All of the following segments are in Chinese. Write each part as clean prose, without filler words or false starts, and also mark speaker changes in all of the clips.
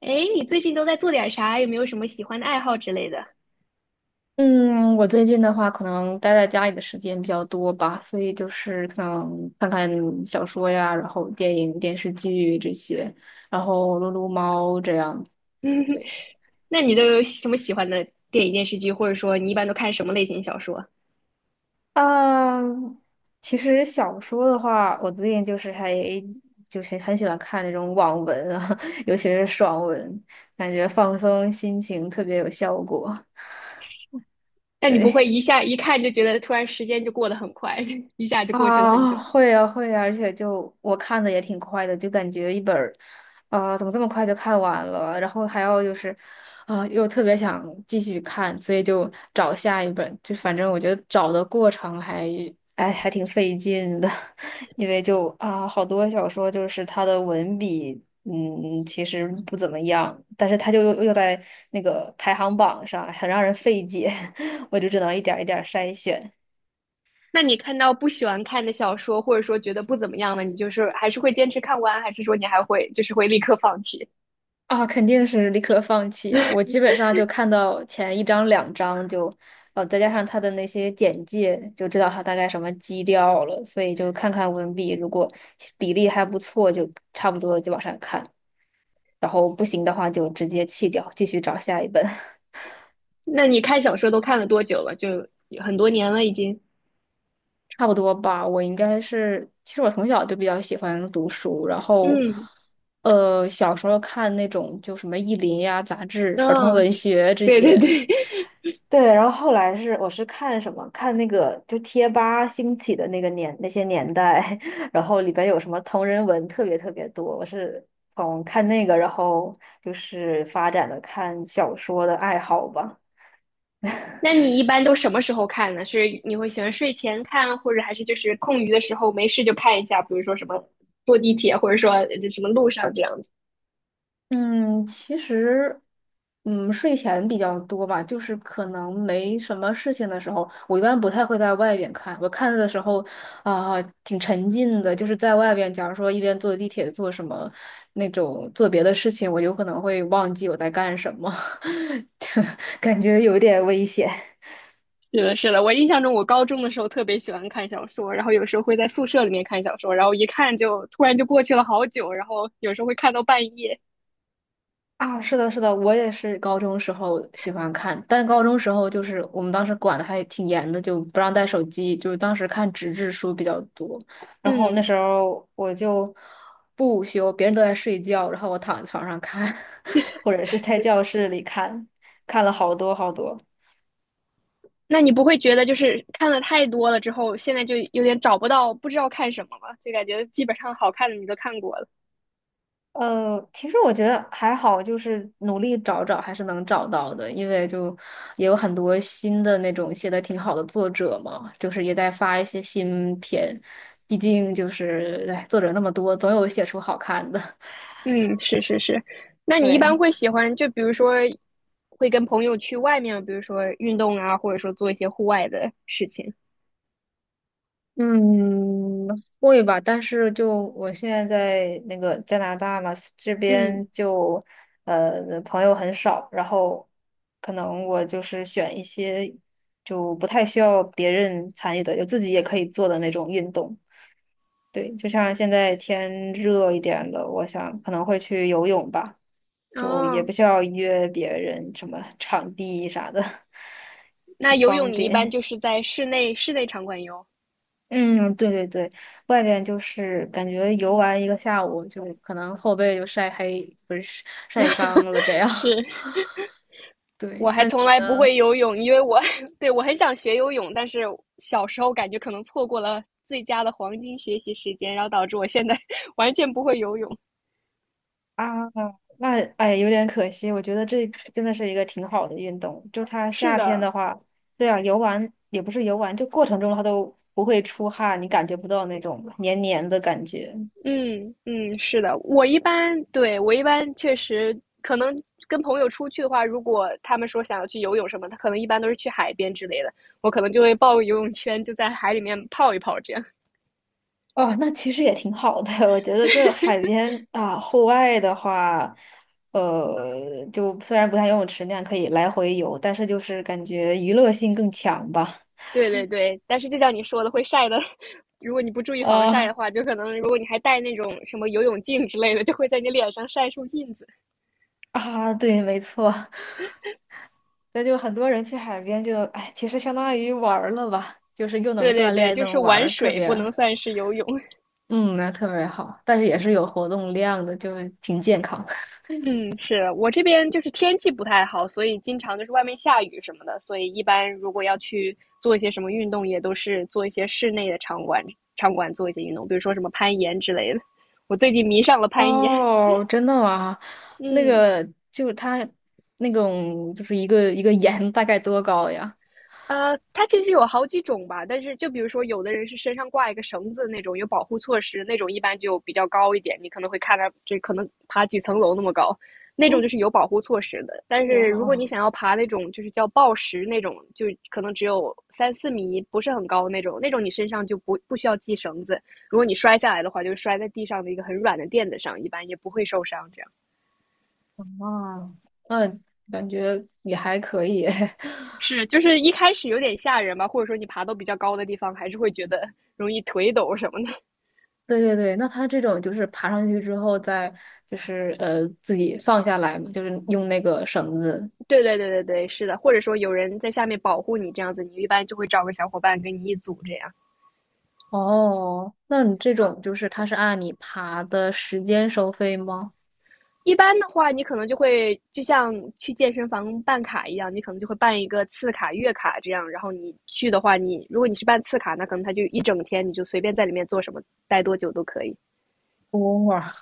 Speaker 1: 哎，你最近都在做点啥？有没有什么喜欢的爱好之类的？
Speaker 2: 嗯，我最近的话，可能待在家里的时间比较多吧，所以就是可能看看小说呀，然后电影、电视剧这些，然后撸撸猫这样子。对。
Speaker 1: 那你都有什么喜欢的电影、电视剧，或者说你一般都看什么类型小说？
Speaker 2: 嗯，其实小说的话，我最近就是还就是很喜欢看那种网文啊，尤其是爽文，感觉放松心情特别有效果。
Speaker 1: 但你不会
Speaker 2: 对，
Speaker 1: 一下一看就觉得突然时间就过得很快，一下就过去了很久。
Speaker 2: 啊，会啊会啊，而且就我看的也挺快的，就感觉一本儿，啊、怎么这么快就看完了？然后还要就是，啊、又特别想继续看，所以就找下一本。就反正我觉得找的过程还，哎，还挺费劲的，因为就啊、好多小说就是它的文笔，嗯，其实不怎么样，但是它就又在那个排行榜上，很让人费解，我就只能一点儿一点儿筛选。
Speaker 1: 那你看到不喜欢看的小说，或者说觉得不怎么样的，你就是还是会坚持看完，还是说你还会就是会立刻放弃？
Speaker 2: 啊，肯定是立刻放弃啊！我基本上就看到前一章、两章就，再加上他的那些简介，就知道他大概什么基调了，所以就看看文笔，如果比例还不错，就差不多就往上看，然后不行的话就直接弃掉，继续找下一本。
Speaker 1: 那你看小说都看了多久了？就很多年了已经。
Speaker 2: 差不多吧。我应该是，其实我从小就比较喜欢读书，然后，
Speaker 1: 嗯，
Speaker 2: 小时候看那种就什么《意林》呀、杂志、儿童
Speaker 1: 嗯、
Speaker 2: 文学这
Speaker 1: 对对
Speaker 2: 些。
Speaker 1: 对，
Speaker 2: 对，然后后来我是看什么？看那个就贴吧兴起的那个年那些年代，然后里边有什么同人文特别特别多。我是从看那个，然后就是发展了看小说的爱好吧。
Speaker 1: 那你一般都什么时候看呢？是你会喜欢睡前看，或者还是就是空余的时候没事就看一下？比如说什么坐地铁，或者说什么路上这样子。
Speaker 2: 嗯，其实，嗯，睡前比较多吧，就是可能没什么事情的时候，我一般不太会在外边看。我看的时候，啊、挺沉浸的，就是在外边，假如说一边坐地铁做什么那种做别的事情，我有可能会忘记我在干什么，感觉有点危险。
Speaker 1: 是的，是的，我印象中我高中的时候特别喜欢看小说，然后有时候会在宿舍里面看小说，然后一看就突然就过去了好久，然后有时候会看到半夜。
Speaker 2: 啊，是的，是的，我也是高中时候喜欢看，但高中时候就是我们当时管的还挺严的，就不让带手机，就是当时看纸质书比较多。然后那
Speaker 1: 嗯，
Speaker 2: 时候我就不午休，别人都在睡觉，然后我躺在床上看，或者是在教室里看，看了好多好多。
Speaker 1: 那你不会觉得就是看了太多了之后，现在就有点找不到不知道看什么了，就感觉基本上好看的你都看过了。
Speaker 2: 其实我觉得还好，就是努力找找还是能找到的，因为就也有很多新的那种写的挺好的作者嘛，就是也在发一些新片，毕竟就是，哎，作者那么多，总有写出好看的。
Speaker 1: 嗯，是是是。那你一般
Speaker 2: 对。
Speaker 1: 会喜欢，就比如说，会跟朋友去外面，比如说运动啊，或者说做一些户外的事情。
Speaker 2: 嗯，会吧，但是就我现在在那个加拿大嘛，这
Speaker 1: 嗯，
Speaker 2: 边就朋友很少，然后可能我就是选一些就不太需要别人参与的，就自己也可以做的那种运动。对，就像现在天热一点了，我想可能会去游泳吧，就也
Speaker 1: 哦，
Speaker 2: 不需要约别人什么场地啥的，
Speaker 1: 那
Speaker 2: 挺
Speaker 1: 游泳
Speaker 2: 方
Speaker 1: 你一般
Speaker 2: 便。
Speaker 1: 就是在室内室内场馆游。
Speaker 2: 嗯，对对对，外边就是感觉游玩一个下午，就可能后背就晒黑，不是晒伤了这 样。
Speaker 1: 是，我
Speaker 2: 对，
Speaker 1: 还
Speaker 2: 那
Speaker 1: 从
Speaker 2: 你
Speaker 1: 来不
Speaker 2: 呢？
Speaker 1: 会游泳，因为我 对我很想学游泳，但是小时候感觉可能错过了最佳的黄金学习时间，然后导致我现在 完全不会游泳。
Speaker 2: 啊，那哎，有点可惜。我觉得这真的是一个挺好的运动。就它
Speaker 1: 是
Speaker 2: 夏天
Speaker 1: 的，
Speaker 2: 的话，对啊，游玩也不是游玩，就过程中它都不会出汗，你感觉不到那种黏黏的感觉。
Speaker 1: 嗯嗯，是的，我一般对，我一般确实可能跟朋友出去的话，如果他们说想要去游泳什么，他可能一般都是去海边之类的，我可能就会抱个游泳圈，就在海里面泡一泡这样。
Speaker 2: 哦，那其实也挺好的。我觉得就海边啊，户外的话，就虽然不像游泳池那样可以来回游，但是就是感觉娱乐性更强吧。
Speaker 1: 对对对，但是就像你说的，会晒的，如果你不注意防晒的
Speaker 2: 呃
Speaker 1: 话，就可能如果你还戴那种什么游泳镜之类的，就会在你脸上晒出印子。
Speaker 2: 对，没错。那就很多人去海边就，哎，其实相当于玩儿了吧，就是又
Speaker 1: 对
Speaker 2: 能
Speaker 1: 对
Speaker 2: 锻
Speaker 1: 对，
Speaker 2: 炼，又
Speaker 1: 就是
Speaker 2: 能玩
Speaker 1: 玩
Speaker 2: 儿特
Speaker 1: 水
Speaker 2: 别，
Speaker 1: 不能算是游泳。
Speaker 2: 嗯，那特别好。但是也是有活动量的，就挺健康。
Speaker 1: 嗯，是，我这边就是天气不太好，所以经常就是外面下雨什么的，所以一般如果要去做一些什么运动，也都是做一些室内的场馆，场馆做一些运动，比如说什么攀岩之类的。我最近迷上了攀岩，
Speaker 2: 哦，真的吗？那
Speaker 1: 嗯。
Speaker 2: 个就是它那种就是一个一个盐大概多高呀？
Speaker 1: 它其实有好几种吧，但是就比如说，有的人是身上挂一个绳子那种，有保护措施那种，一般就比较高一点，你可能会看它，这可能爬几层楼那么高，那种就
Speaker 2: 嗯，
Speaker 1: 是有保护措施的。但是如果你
Speaker 2: 哇，
Speaker 1: 想要爬那种就是叫抱石那种，就可能只有三四米，不是很高那种，那种你身上就不需要系绳子，如果你摔下来的话，就摔在地上的一个很软的垫子上，一般也不会受伤。这样
Speaker 2: 哇，那嗯，感觉也还可以。
Speaker 1: 是，就是一开始有点吓人吧，或者说你爬到比较高的地方，还是会觉得容易腿抖什么的。
Speaker 2: 对对对，那它这种就是爬上去之后再就是自己放下来嘛，就是用那个绳子。
Speaker 1: 对对对对对，是的，或者说有人在下面保护你这样子，你一般就会找个小伙伴跟你一组这样。
Speaker 2: 哦，那你这种就是它是按你爬的时间收费吗？
Speaker 1: 一般的话，你可能就会就像去健身房办卡一样，你可能就会办一个次卡、月卡这样。然后你去的话，你如果你是办次卡，那可能他就一整天，你就随便在里面做什么，待多久都可以。
Speaker 2: 哇，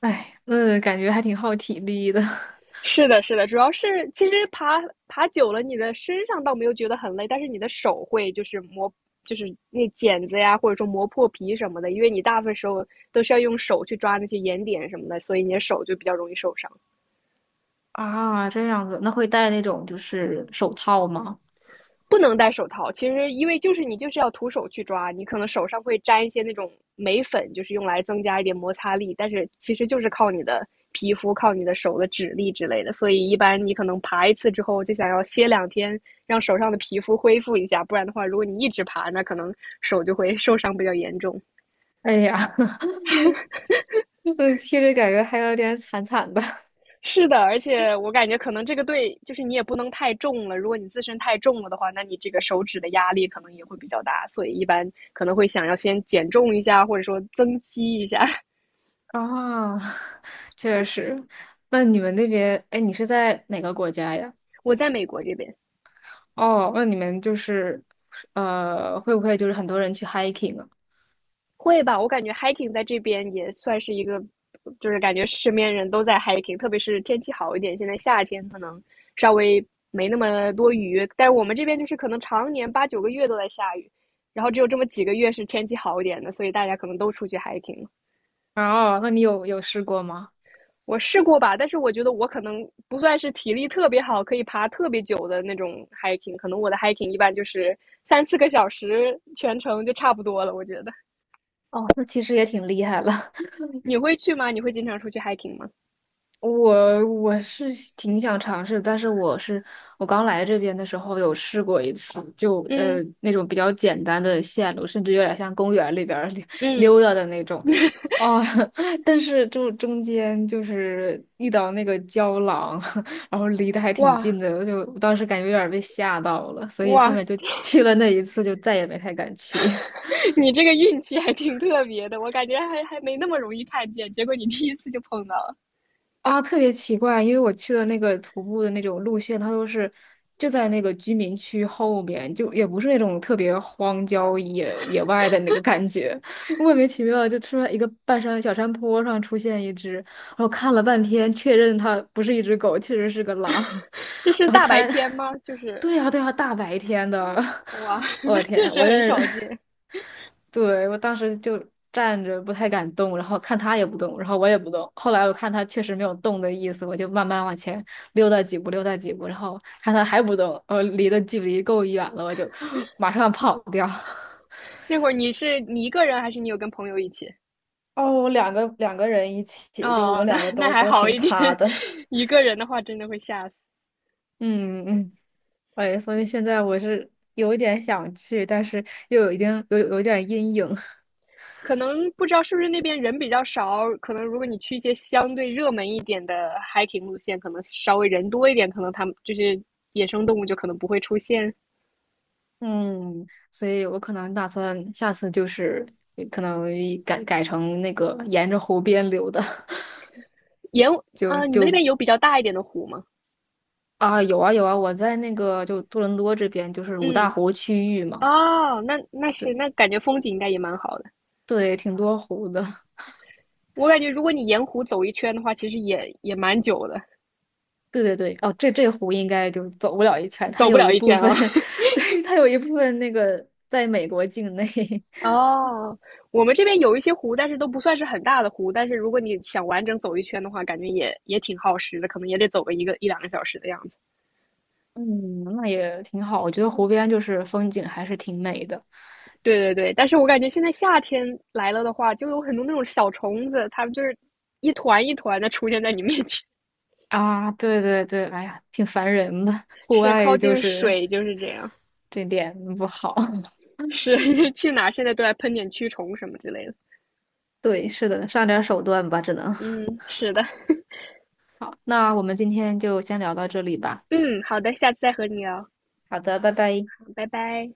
Speaker 2: 哎，那感觉还挺耗体力的。
Speaker 1: 是的，是的，主要是其实爬久了，你的身上倒没有觉得很累，但是你的手会就是磨，就是那剪子呀，或者说磨破皮什么的，因为你大部分时候都是要用手去抓那些岩点什么的，所以你的手就比较容易受伤。
Speaker 2: 啊，这样子，那会戴那种就是手套吗？
Speaker 1: 不能戴手套，其实因为就是你就是要徒手去抓，你可能手上会沾一些那种眉粉，就是用来增加一点摩擦力，但是其实就是靠你的皮肤、靠你的手的指力之类的。所以一般你可能爬一次之后就想要歇两天，让手上的皮肤恢复一下，不然的话，如果你一直爬，那可能手就会受伤比较严重。
Speaker 2: 哎呀，嗯，听着感觉还有点惨惨的。
Speaker 1: 是的，而且我感觉可能这个对就是你也不能太重了，如果你自身太重了的话，那你这个手指的压力可能也会比较大，所以一般可能会想要先减重一下，或者说增肌一下。
Speaker 2: 啊，确实。那你们那边，哎，你是在哪个国家呀？
Speaker 1: 我在美国这边
Speaker 2: 哦，那你们就是，会不会就是很多人去 hiking 啊？
Speaker 1: 会吧，我感觉 hiking 在这边也算是一个，就是感觉身边人都在 hiking，特别是天气好一点，现在夏天可能稍微没那么多雨，但是我们这边就是可能常年八九个月都在下雨，然后只有这么几个月是天气好一点的，所以大家可能都出去 hiking。
Speaker 2: 哦，那你有有试过吗？
Speaker 1: 我试过吧，但是我觉得我可能不算是体力特别好，可以爬特别久的那种 hiking，可能我的 hiking 一般就是三四个小时全程就差不多了。我觉得
Speaker 2: 哦，那其实也挺厉害了。
Speaker 1: 你会去吗？你会经常出去 hiking 吗？
Speaker 2: 我是挺想尝试，但是我刚来这边的时候有试过一次，就
Speaker 1: 嗯
Speaker 2: 那种比较简单的线路，甚至有点像公园里边儿溜
Speaker 1: 嗯，
Speaker 2: 溜达的那种，哦，但是就中间就是遇到那个郊狼，然后离得还挺
Speaker 1: 哇
Speaker 2: 近的，就我当时感觉有点儿被吓到了，所以后
Speaker 1: 哇，
Speaker 2: 面就去了那一次，就再也没太敢去。
Speaker 1: 你这个运气还挺特别的，我感觉还没那么容易看见，结果你第一次就碰到了。
Speaker 2: 啊，特别奇怪，因为我去的那个徒步的那种路线，它都是就在那个居民区后面，就也不是那种特别荒郊野外的那个感觉，莫名其妙地就突然一个半山小山坡上出现一只，然后看了半天，确认它不是一只狗，确实是个狼，
Speaker 1: 这 是
Speaker 2: 然后
Speaker 1: 大白
Speaker 2: 它，
Speaker 1: 天吗？就 是
Speaker 2: 对呀对呀，大白天的，
Speaker 1: 哇，那
Speaker 2: 我
Speaker 1: 确
Speaker 2: 天，
Speaker 1: 实
Speaker 2: 我在
Speaker 1: 很
Speaker 2: 那儿
Speaker 1: 少见。
Speaker 2: 对，我当时就站着不太敢动，然后看他也不动，然后我也不动。后来我看他确实没有动的意思，我就慢慢往前溜达几步，溜达几步，然后看他还不动，我离的距离够远了，我就 马上跑掉。
Speaker 1: 那会儿你是你一个人还是你有跟朋友一起？
Speaker 2: 哦，我两个人一起，就我
Speaker 1: 哦，
Speaker 2: 们
Speaker 1: 那
Speaker 2: 两个
Speaker 1: 那
Speaker 2: 都
Speaker 1: 还
Speaker 2: 都
Speaker 1: 好
Speaker 2: 挺
Speaker 1: 一点，
Speaker 2: 卡的。
Speaker 1: 一 个人的话真的会吓死。
Speaker 2: 嗯嗯，哎，所以现在我是有一点想去，但是已经有一点阴影。
Speaker 1: 可能不知道是不是那边人比较少，可能如果你去一些相对热门一点的 hiking 路线，可能稍微人多一点，可能他们就是野生动物就可能不会出现。
Speaker 2: 嗯，所以我可能打算下次就是可能改成那个沿着湖边流的，
Speaker 1: 沿
Speaker 2: 就
Speaker 1: 你们那
Speaker 2: 就
Speaker 1: 边有比较大一点的湖吗？
Speaker 2: 啊有啊有啊，我在那个就多伦多这边就是五大
Speaker 1: 嗯，
Speaker 2: 湖区域嘛，
Speaker 1: 哦，那那是
Speaker 2: 对
Speaker 1: 那感觉风景应该也蛮好的。
Speaker 2: 对，挺多湖的，
Speaker 1: 我感觉如果你沿湖走一圈的话，其实也也蛮久的，
Speaker 2: 对对对，哦，这湖应该就走不了一圈，它
Speaker 1: 走不
Speaker 2: 有
Speaker 1: 了
Speaker 2: 一
Speaker 1: 一
Speaker 2: 部
Speaker 1: 圈
Speaker 2: 分，
Speaker 1: 啊。
Speaker 2: 对它有一部分那个在美国境内，
Speaker 1: 哦，我们这边有一些湖，但是都不算是很大的湖。但是如果你想完整走一圈的话，感觉也也挺耗时的，可能也得走个一个一两个小时的样子。
Speaker 2: 嗯，那也挺好，我觉得湖边就是风景还是挺美的。
Speaker 1: 对对对，但是我感觉现在夏天来了的话，就有很多那种小虫子，它们就是一团一团的出现在你面前，
Speaker 2: 啊，对对对，哎呀，挺烦人的。户
Speaker 1: 是靠
Speaker 2: 外就
Speaker 1: 近
Speaker 2: 是
Speaker 1: 水就是这样，
Speaker 2: 这点不好。
Speaker 1: 是 去哪儿现在都来喷点驱虫什么之类的。
Speaker 2: 对，是的，上点手段吧，只能。
Speaker 1: 嗯，是的，
Speaker 2: 好，那我们今天就先聊到这里吧。
Speaker 1: 嗯，好的，下次再和你聊，
Speaker 2: 好的，拜拜。
Speaker 1: 拜拜。